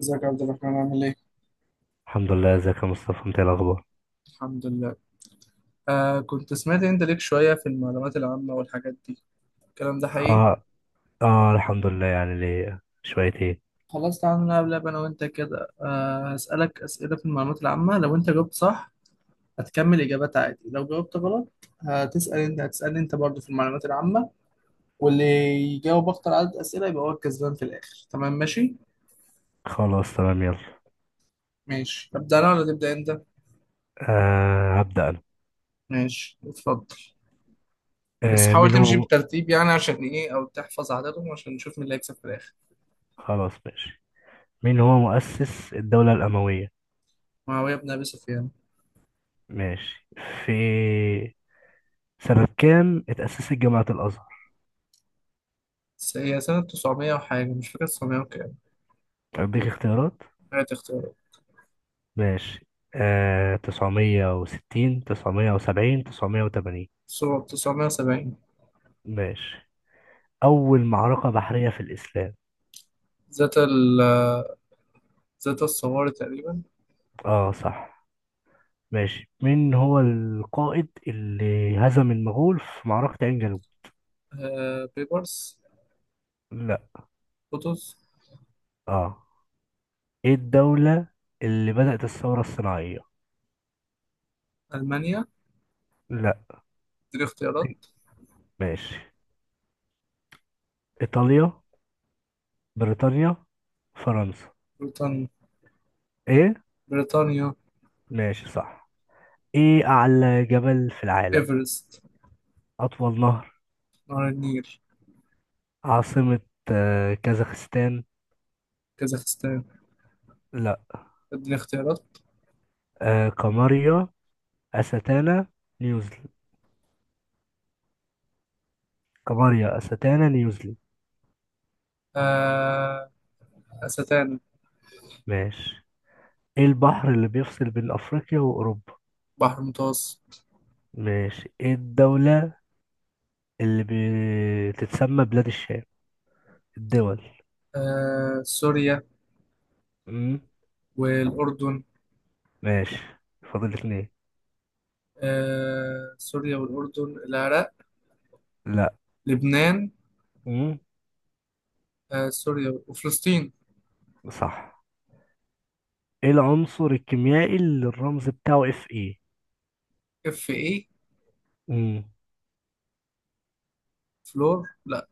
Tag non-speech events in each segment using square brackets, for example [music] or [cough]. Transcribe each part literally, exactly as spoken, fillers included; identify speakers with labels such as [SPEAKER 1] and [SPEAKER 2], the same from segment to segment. [SPEAKER 1] ازيك يا عبد الرحمن عامل ايه؟
[SPEAKER 2] الحمد لله، ازيك يا مصطفى؟ انت ايه الاخبار؟
[SPEAKER 1] الحمد لله. آه كنت سمعت انت ليك شوية في المعلومات العامة والحاجات دي، الكلام ده حقيقي؟
[SPEAKER 2] اه، اه، الحمد لله، يعني ليه شوية ايه.
[SPEAKER 1] خلاص تعالى نلعب لعبة انا وانت كده، آه هسألك أسئلة في المعلومات العامة. لو انت جاوبت صح هتكمل إجابات عادي، لو جاوبت غلط هتسأل انت، هتسألني انت برضه في المعلومات العامة، واللي يجاوب أكتر عدد أسئلة يبقى هو الكسبان في الآخر. تمام ماشي؟
[SPEAKER 2] خلاص، تمام، يلا.
[SPEAKER 1] ماشي، أبدأ أنا ولا تبدأ انت؟
[SPEAKER 2] آه، هبدأ انا.
[SPEAKER 1] ماشي اتفضل. بس
[SPEAKER 2] آه
[SPEAKER 1] حاول
[SPEAKER 2] مين هو
[SPEAKER 1] تمشي
[SPEAKER 2] م...
[SPEAKER 1] بترتيب يعني عشان ايه او تحفظ عددهم عشان نشوف مين اللي هيكسب في الآخر.
[SPEAKER 2] خلاص ماشي. مين هو مؤسس الدولة الأموية؟
[SPEAKER 1] معاوية بن أبي سفيان.
[SPEAKER 2] ماشي. في سنة كام اتأسست جامعة الأزهر؟
[SPEAKER 1] س- هي سنة تسعمية وحاجة، مش فاكر تسعمية وكام.
[SPEAKER 2] أديك اختيارات.
[SPEAKER 1] هات اختيارات.
[SPEAKER 2] ماشي. آه تسعمية وستين، تسعمية وسبعين، تسعمية وثمانين.
[SPEAKER 1] صورة تسعمية وسبعين.
[SPEAKER 2] ماشي. أول معركة بحرية في الإسلام؟
[SPEAKER 1] ذات ال ذات الصواري تقريبا.
[SPEAKER 2] اه، صح. ماشي. مين هو القائد اللي هزم المغول في معركة عين جالوت؟
[SPEAKER 1] آه بيبرس.
[SPEAKER 2] لا.
[SPEAKER 1] قطز.
[SPEAKER 2] اه. ايه الدولة اللي بدأت الثورة الصناعية؟
[SPEAKER 1] ألمانيا.
[SPEAKER 2] لا.
[SPEAKER 1] دي اختيارات.
[SPEAKER 2] ماشي. ايطاليا، بريطانيا، فرنسا.
[SPEAKER 1] بريطانيا.
[SPEAKER 2] ايه؟
[SPEAKER 1] بريطانيا.
[SPEAKER 2] ماشي، صح. ايه اعلى جبل في العالم؟
[SPEAKER 1] إيفرست.
[SPEAKER 2] اطول نهر؟
[SPEAKER 1] نهر النيل.
[SPEAKER 2] عاصمة. آه، كازاخستان.
[SPEAKER 1] كازاخستان.
[SPEAKER 2] لا.
[SPEAKER 1] اديني اختيارات.
[SPEAKER 2] آه، قمرية، أستانا، نيوزيلاند. قمرية، أستانا، نيوزيلاند.
[SPEAKER 1] آه أستانا.
[SPEAKER 2] ماشي. ايه البحر اللي بيفصل بين افريقيا واوروبا؟
[SPEAKER 1] بحر المتوسط.
[SPEAKER 2] ماشي. ايه الدولة اللي بتتسمى بلاد الشام؟ الدول.
[SPEAKER 1] آه سوريا
[SPEAKER 2] امم.
[SPEAKER 1] والأردن.
[SPEAKER 2] ماشي. فاضل اتنين.
[SPEAKER 1] آه سوريا والأردن العراق.
[SPEAKER 2] لا.
[SPEAKER 1] لبنان.
[SPEAKER 2] امم.
[SPEAKER 1] آه سوريا وفلسطين.
[SPEAKER 2] صح. ايه العنصر الكيميائي اللي الرمز بتاعه اف اي؟
[SPEAKER 1] اف ايه.
[SPEAKER 2] امم.
[SPEAKER 1] فلور، لا.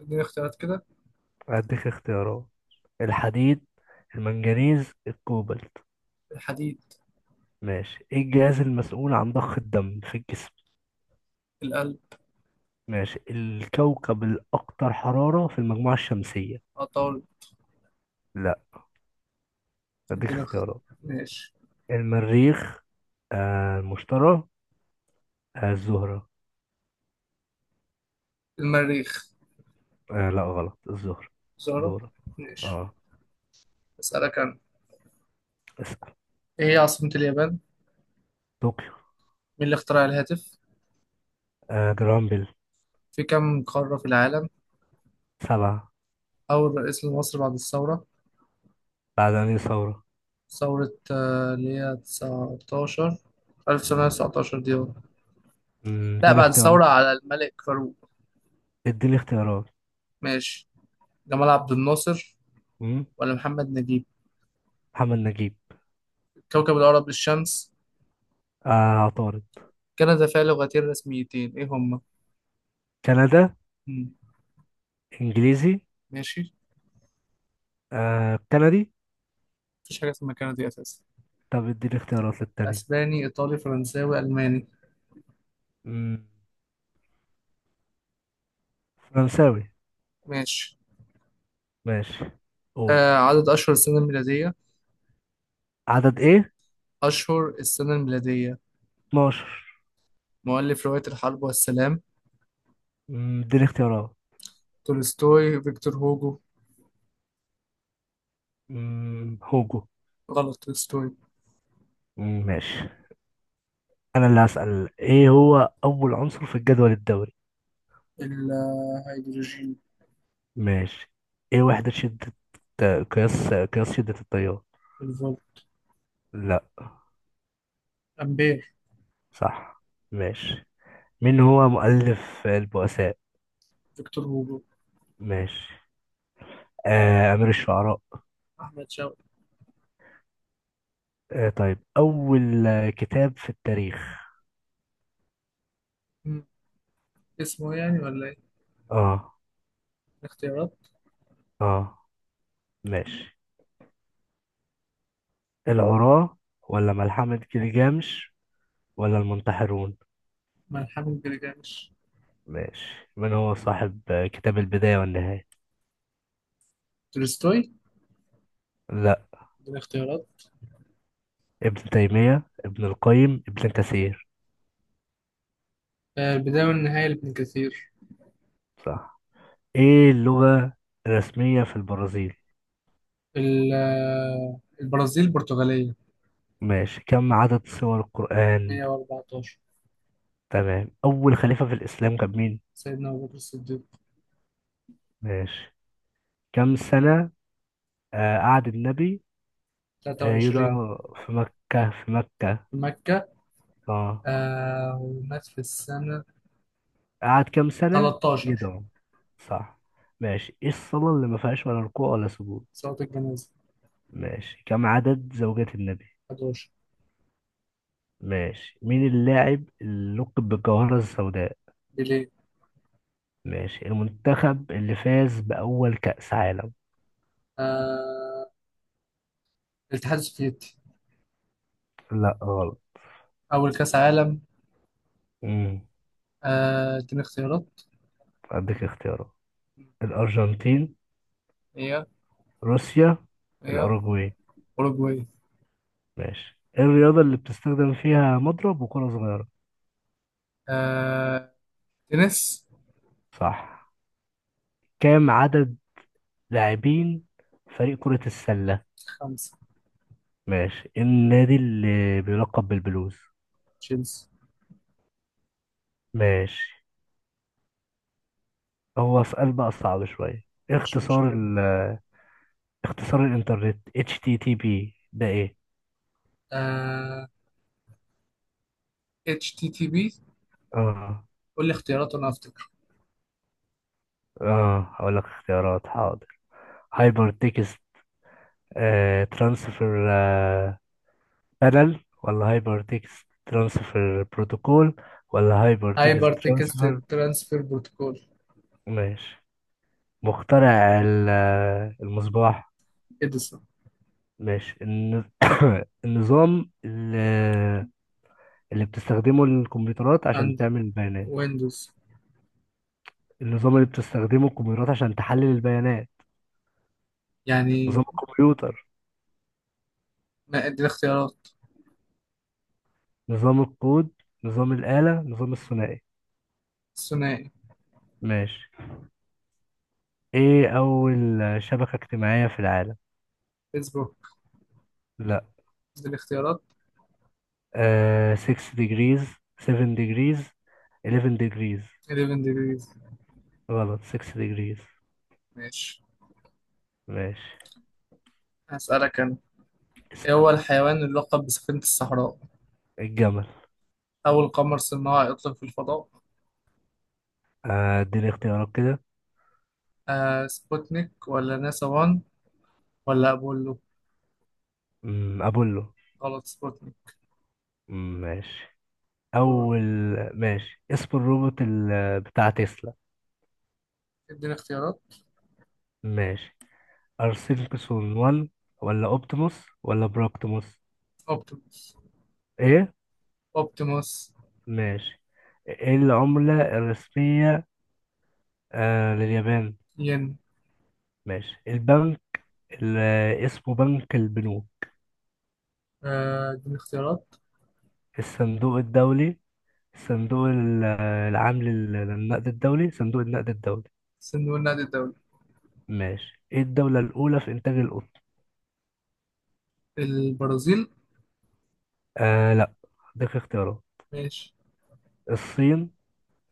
[SPEAKER 1] اديني اختيارات كده.
[SPEAKER 2] هديك اختيارات. الحديد، المنجنيز، الكوبالت.
[SPEAKER 1] الحديد.
[SPEAKER 2] ماشي. ايه الجهاز المسؤول عن ضخ الدم في الجسم؟
[SPEAKER 1] القلب.
[SPEAKER 2] ماشي. الكوكب الاكثر حرارة في المجموعة الشمسية؟
[SPEAKER 1] عطارد.
[SPEAKER 2] لا. هديك
[SPEAKER 1] اديني اخت...
[SPEAKER 2] اختيارات.
[SPEAKER 1] ماشي.
[SPEAKER 2] المريخ، آه المشتري، آه الزهرة.
[SPEAKER 1] المريخ.
[SPEAKER 2] آه لا، غلط الظهر.
[SPEAKER 1] زهرة.
[SPEAKER 2] دورة.
[SPEAKER 1] ماشي،
[SPEAKER 2] اه.
[SPEAKER 1] اسألك انا.
[SPEAKER 2] اسأل.
[SPEAKER 1] ايه هي عاصمة اليابان مين؟
[SPEAKER 2] طوكيو.
[SPEAKER 1] اللي اخترع الهاتف؟
[SPEAKER 2] آه جرامبل.
[SPEAKER 1] في كم قارة في العالم؟
[SPEAKER 2] سبعة.
[SPEAKER 1] اول رئيس لمصر بعد الثورة؟
[SPEAKER 2] بعد أنهي ثورة؟
[SPEAKER 1] ثورة آه، اللي هي تسعتاشر ألف وتسعمية وتسعتاشر دي هو.
[SPEAKER 2] مم،
[SPEAKER 1] لا،
[SPEAKER 2] اديني
[SPEAKER 1] بعد
[SPEAKER 2] اختيارات.
[SPEAKER 1] الثورة على الملك فاروق.
[SPEAKER 2] اديني اختيارات.
[SPEAKER 1] ماشي، جمال عبد الناصر
[SPEAKER 2] مم،
[SPEAKER 1] ولا محمد نجيب؟
[SPEAKER 2] محمد نجيب.
[SPEAKER 1] كوكب الأرض الشمس.
[SPEAKER 2] آه عطارد.
[SPEAKER 1] كندا فيها لغتين رسميتين، ايه هما؟
[SPEAKER 2] كندا.
[SPEAKER 1] مم.
[SPEAKER 2] انجليزي.
[SPEAKER 1] ماشي.
[SPEAKER 2] آه كندي.
[SPEAKER 1] مفيش حاجة اسمها كندي أساسا.
[SPEAKER 2] طب اديني اختيارات للتانية.
[SPEAKER 1] اسباني، ايطالي، فرنساوي، الماني.
[SPEAKER 2] مم، فرنساوي.
[SPEAKER 1] ماشي.
[SPEAKER 2] ماشي. قول.
[SPEAKER 1] آه عدد اشهر السنه الميلاديه.
[SPEAKER 2] عدد ايه؟
[SPEAKER 1] اشهر السنه الميلاديه
[SPEAKER 2] اتناشر.
[SPEAKER 1] مؤلف روايه الحرب والسلام.
[SPEAKER 2] مم، اديني اختيارات.
[SPEAKER 1] تولستوي، فيكتور هوجو.
[SPEAKER 2] مم، هوجو.
[SPEAKER 1] غلط، تولستوي.
[SPEAKER 2] مم، ماشي. انا اللي هسأل. ايه هو اول عنصر في الجدول الدوري؟
[SPEAKER 1] الهيدروجين.
[SPEAKER 2] ماشي. ايه وحدة شدة آه، قياس آه، قياس شدة التيار؟
[SPEAKER 1] الفولت.
[SPEAKER 2] لا.
[SPEAKER 1] أمبير.
[SPEAKER 2] صح. ماشي. مين هو مؤلف البؤساء؟
[SPEAKER 1] فيكتور هوجو.
[SPEAKER 2] ماشي. آه أمير الشعراء؟
[SPEAKER 1] أحمد شوقي.
[SPEAKER 2] آه طيب، أول آه، كتاب في التاريخ.
[SPEAKER 1] مم. اسمه يعني ولا ايه؟
[SPEAKER 2] اه.
[SPEAKER 1] الاختيارات.
[SPEAKER 2] اه. ماشي. العراة، ولا ملحمة جلجامش، ولا المنتحرون؟
[SPEAKER 1] ملحمة جلجامش.
[SPEAKER 2] ماشي. من هو صاحب آه، كتاب البداية والنهاية؟
[SPEAKER 1] تولستوي.
[SPEAKER 2] لا.
[SPEAKER 1] دي الاختيارات.
[SPEAKER 2] ابن تيمية، ابن القيم، ابن كثير.
[SPEAKER 1] آه البدايه والنهايه لابن كثير.
[SPEAKER 2] صح. ايه اللغة الرسمية في البرازيل؟
[SPEAKER 1] ال- آه، البرازيل، البرتغاليه.
[SPEAKER 2] ماشي. كم عدد سور القرآن؟
[SPEAKER 1] مية واربعتاشر.
[SPEAKER 2] تمام. أول خليفة في الإسلام كان مين؟
[SPEAKER 1] سيدنا أبو بكر الصديق.
[SPEAKER 2] ماشي. كم سنة آه قعد النبي آه
[SPEAKER 1] تلاتة وعشرين.
[SPEAKER 2] يدعو في مكة؟ في مكة.
[SPEAKER 1] في مكة.
[SPEAKER 2] اه.
[SPEAKER 1] آه ومات في السنة
[SPEAKER 2] قعد كم سنة
[SPEAKER 1] تلتاشر.
[SPEAKER 2] يدعو؟ صح. ماشي. ايه الصلاة اللي ما فيهاش ولا ركوع ولا سجود؟
[SPEAKER 1] صلاة الجنازة.
[SPEAKER 2] ماشي. كم عدد زوجات النبي؟
[SPEAKER 1] حداشر.
[SPEAKER 2] ماشي. مين اللاعب اللي لقب بالجوهرة السوداء؟
[SPEAKER 1] بليه.
[SPEAKER 2] ماشي. المنتخب اللي فاز بأول كأس عالم؟
[SPEAKER 1] آه الاتحاد السوفيتي.
[SPEAKER 2] لا، غلط.
[SPEAKER 1] أول كأس عالم.
[SPEAKER 2] مم.
[SPEAKER 1] آه اديني اختيارات.
[SPEAKER 2] أديك اختيارات. الأرجنتين،
[SPEAKER 1] هي
[SPEAKER 2] روسيا،
[SPEAKER 1] هي
[SPEAKER 2] الأوروغواي.
[SPEAKER 1] أوروجواي.
[SPEAKER 2] ماشي. إيه الرياضة اللي بتستخدم فيها مضرب وكرة صغيرة؟
[SPEAKER 1] آه تنس.
[SPEAKER 2] صح. كام عدد لاعبين فريق كرة السلة؟
[SPEAKER 1] خمسة.
[SPEAKER 2] ماشي. إيه النادي اللي بيلقب بالبلوز؟
[SPEAKER 1] تشيلسي.
[SPEAKER 2] ماشي. هو سؤال بقى صعب شوية. إيه
[SPEAKER 1] مش
[SPEAKER 2] اختصار
[SPEAKER 1] مشكلة.
[SPEAKER 2] ال اختصار الإنترنت اتش تي تي بي ده إيه؟
[SPEAKER 1] آه اتش تي تي بي.
[SPEAKER 2] آه.
[SPEAKER 1] قول لي اختيارات وأنا أفتكر.
[SPEAKER 2] آه، هقول لك اختيارات، حاضر. هايبر تكست آه، ترانسفير بارل، ولا هايبر تكست ترانسفير بروتوكول، ولا هايبر تكست
[SPEAKER 1] هايبر تكست
[SPEAKER 2] ترانسفير؟
[SPEAKER 1] ترانسفير بروتوكول.
[SPEAKER 2] ماشي. مخترع ال- آه، المصباح.
[SPEAKER 1] إديسون.
[SPEAKER 2] ماشي. الن- [coughs] النظام ال- آه، اللي بتستخدمه الكمبيوترات عشان
[SPEAKER 1] أند،
[SPEAKER 2] تعمل بيانات.
[SPEAKER 1] ويندوز.
[SPEAKER 2] النظام اللي بتستخدمه الكمبيوترات عشان تحلل البيانات.
[SPEAKER 1] يعني،
[SPEAKER 2] نظام الكمبيوتر،
[SPEAKER 1] ما اديني اختيارات.
[SPEAKER 2] نظام الكود، نظام الآلة، نظام الثنائي.
[SPEAKER 1] ثنائي.
[SPEAKER 2] ماشي. ايه أول شبكة اجتماعية في العالم؟
[SPEAKER 1] فيسبوك.
[SPEAKER 2] لا.
[SPEAKER 1] دي الاختيارات.
[SPEAKER 2] آه، ستة degrees، سبعة degrees، احداشر degrees.
[SPEAKER 1] حداشر ديجريز.
[SPEAKER 2] غلط. ستة degrees.
[SPEAKER 1] ماشي،
[SPEAKER 2] ماشي.
[SPEAKER 1] هسألك أنا. إيه
[SPEAKER 2] اسأل.
[SPEAKER 1] هو الحيوان اللي لقب بسفينة الصحراء؟
[SPEAKER 2] الجمل.
[SPEAKER 1] أول قمر صناعي أطلق في الفضاء؟
[SPEAKER 2] آه، اديني اختيارات كده.
[SPEAKER 1] آه سبوتنيك ولا ناسا واحد ولا أبولو؟
[SPEAKER 2] أمم، أبولو.
[SPEAKER 1] غلط، سبوتنيك.
[SPEAKER 2] أمم، ماشي.
[SPEAKER 1] دور.
[SPEAKER 2] أول. ماشي. اسم الروبوت ال... بتاع تسلا.
[SPEAKER 1] اديني اختيارات.
[SPEAKER 2] ماشي. أرسنكسون واحد، ولا أوبتيموس، ولا براكتيموس.
[SPEAKER 1] أوبتيموس.
[SPEAKER 2] إيه؟
[SPEAKER 1] أوبتيموس.
[SPEAKER 2] ماشي. إيه العملة الرسمية آه لليابان؟
[SPEAKER 1] ين.
[SPEAKER 2] ماشي. البنك اللي اسمه بنك البنوك.
[SPEAKER 1] آه، اديني اختيارات.
[SPEAKER 2] الصندوق الدولي، صندوق ال- العام لل- للنقد الدولي صندوق النقد الدولي.
[SPEAKER 1] صندوق النقد الدولي.
[SPEAKER 2] ماشي. ايه الدولة الأولى في إنتاج القطن؟
[SPEAKER 1] البرازيل.
[SPEAKER 2] آه لا. اديك اختيارات.
[SPEAKER 1] ماشي.
[SPEAKER 2] الصين،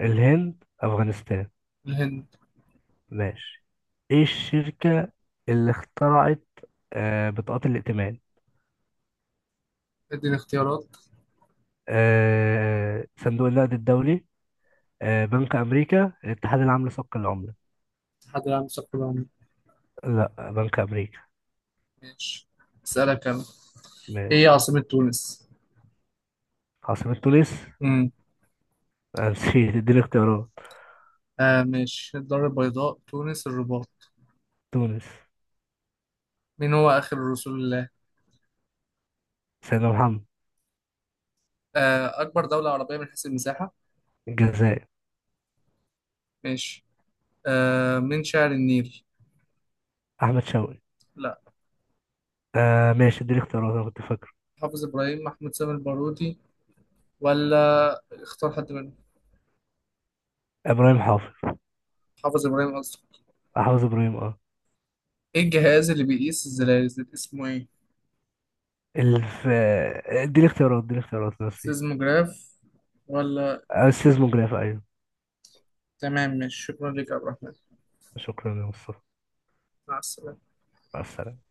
[SPEAKER 2] الهند، أفغانستان.
[SPEAKER 1] الهند.
[SPEAKER 2] ماشي. ايه الشركة اللي اخترعت آه بطاقات الائتمان؟
[SPEAKER 1] اديني اختيارات.
[SPEAKER 2] آه صندوق النقد الدولي، آه بنك أمريكا، الاتحاد العام لسوق العملة.
[SPEAKER 1] الاتحاد العام للثقافة العامة.
[SPEAKER 2] لا، بنك أمريكا.
[SPEAKER 1] ماشي، أسألك أنا. إيه هي
[SPEAKER 2] ماشي.
[SPEAKER 1] عاصمة تونس؟
[SPEAKER 2] عاصمة تونس [laughs] آه، نسيت، اديني اختيارات.
[SPEAKER 1] آه مش الدار البيضاء، تونس، الرباط.
[SPEAKER 2] تونس.
[SPEAKER 1] مين هو آخر رسول الله؟
[SPEAKER 2] سيدنا محمد.
[SPEAKER 1] آه أكبر دولة عربية من حيث المساحة.
[SPEAKER 2] الجزائر.
[SPEAKER 1] ماشي. آه من شاعر النيل؟
[SPEAKER 2] أحمد شوقي.
[SPEAKER 1] لا.
[SPEAKER 2] آه ماشي، اديني اختيارات، انا كنت فاكر.
[SPEAKER 1] حافظ إبراهيم، محمود سامي البارودي، ولا اختار حد منهم.
[SPEAKER 2] ابراهيم حافظ.
[SPEAKER 1] حافظ إبراهيم أصلا.
[SPEAKER 2] حافظ ابراهيم، اه.
[SPEAKER 1] إيه الجهاز اللي بيقيس الزلازل اسمه إيه؟
[SPEAKER 2] الف اديني اختيارات، اديني اختيارات، نسيت.
[SPEAKER 1] سيزموجراف ولا
[SPEAKER 2] آه، السيزموجراف، ايوه.
[SPEAKER 1] تمام. مش شكرا لك يا عبد الرحمن،
[SPEAKER 2] شكرا يا مصطفى.
[SPEAKER 1] مع السلامة.
[SPEAKER 2] مع السلامة.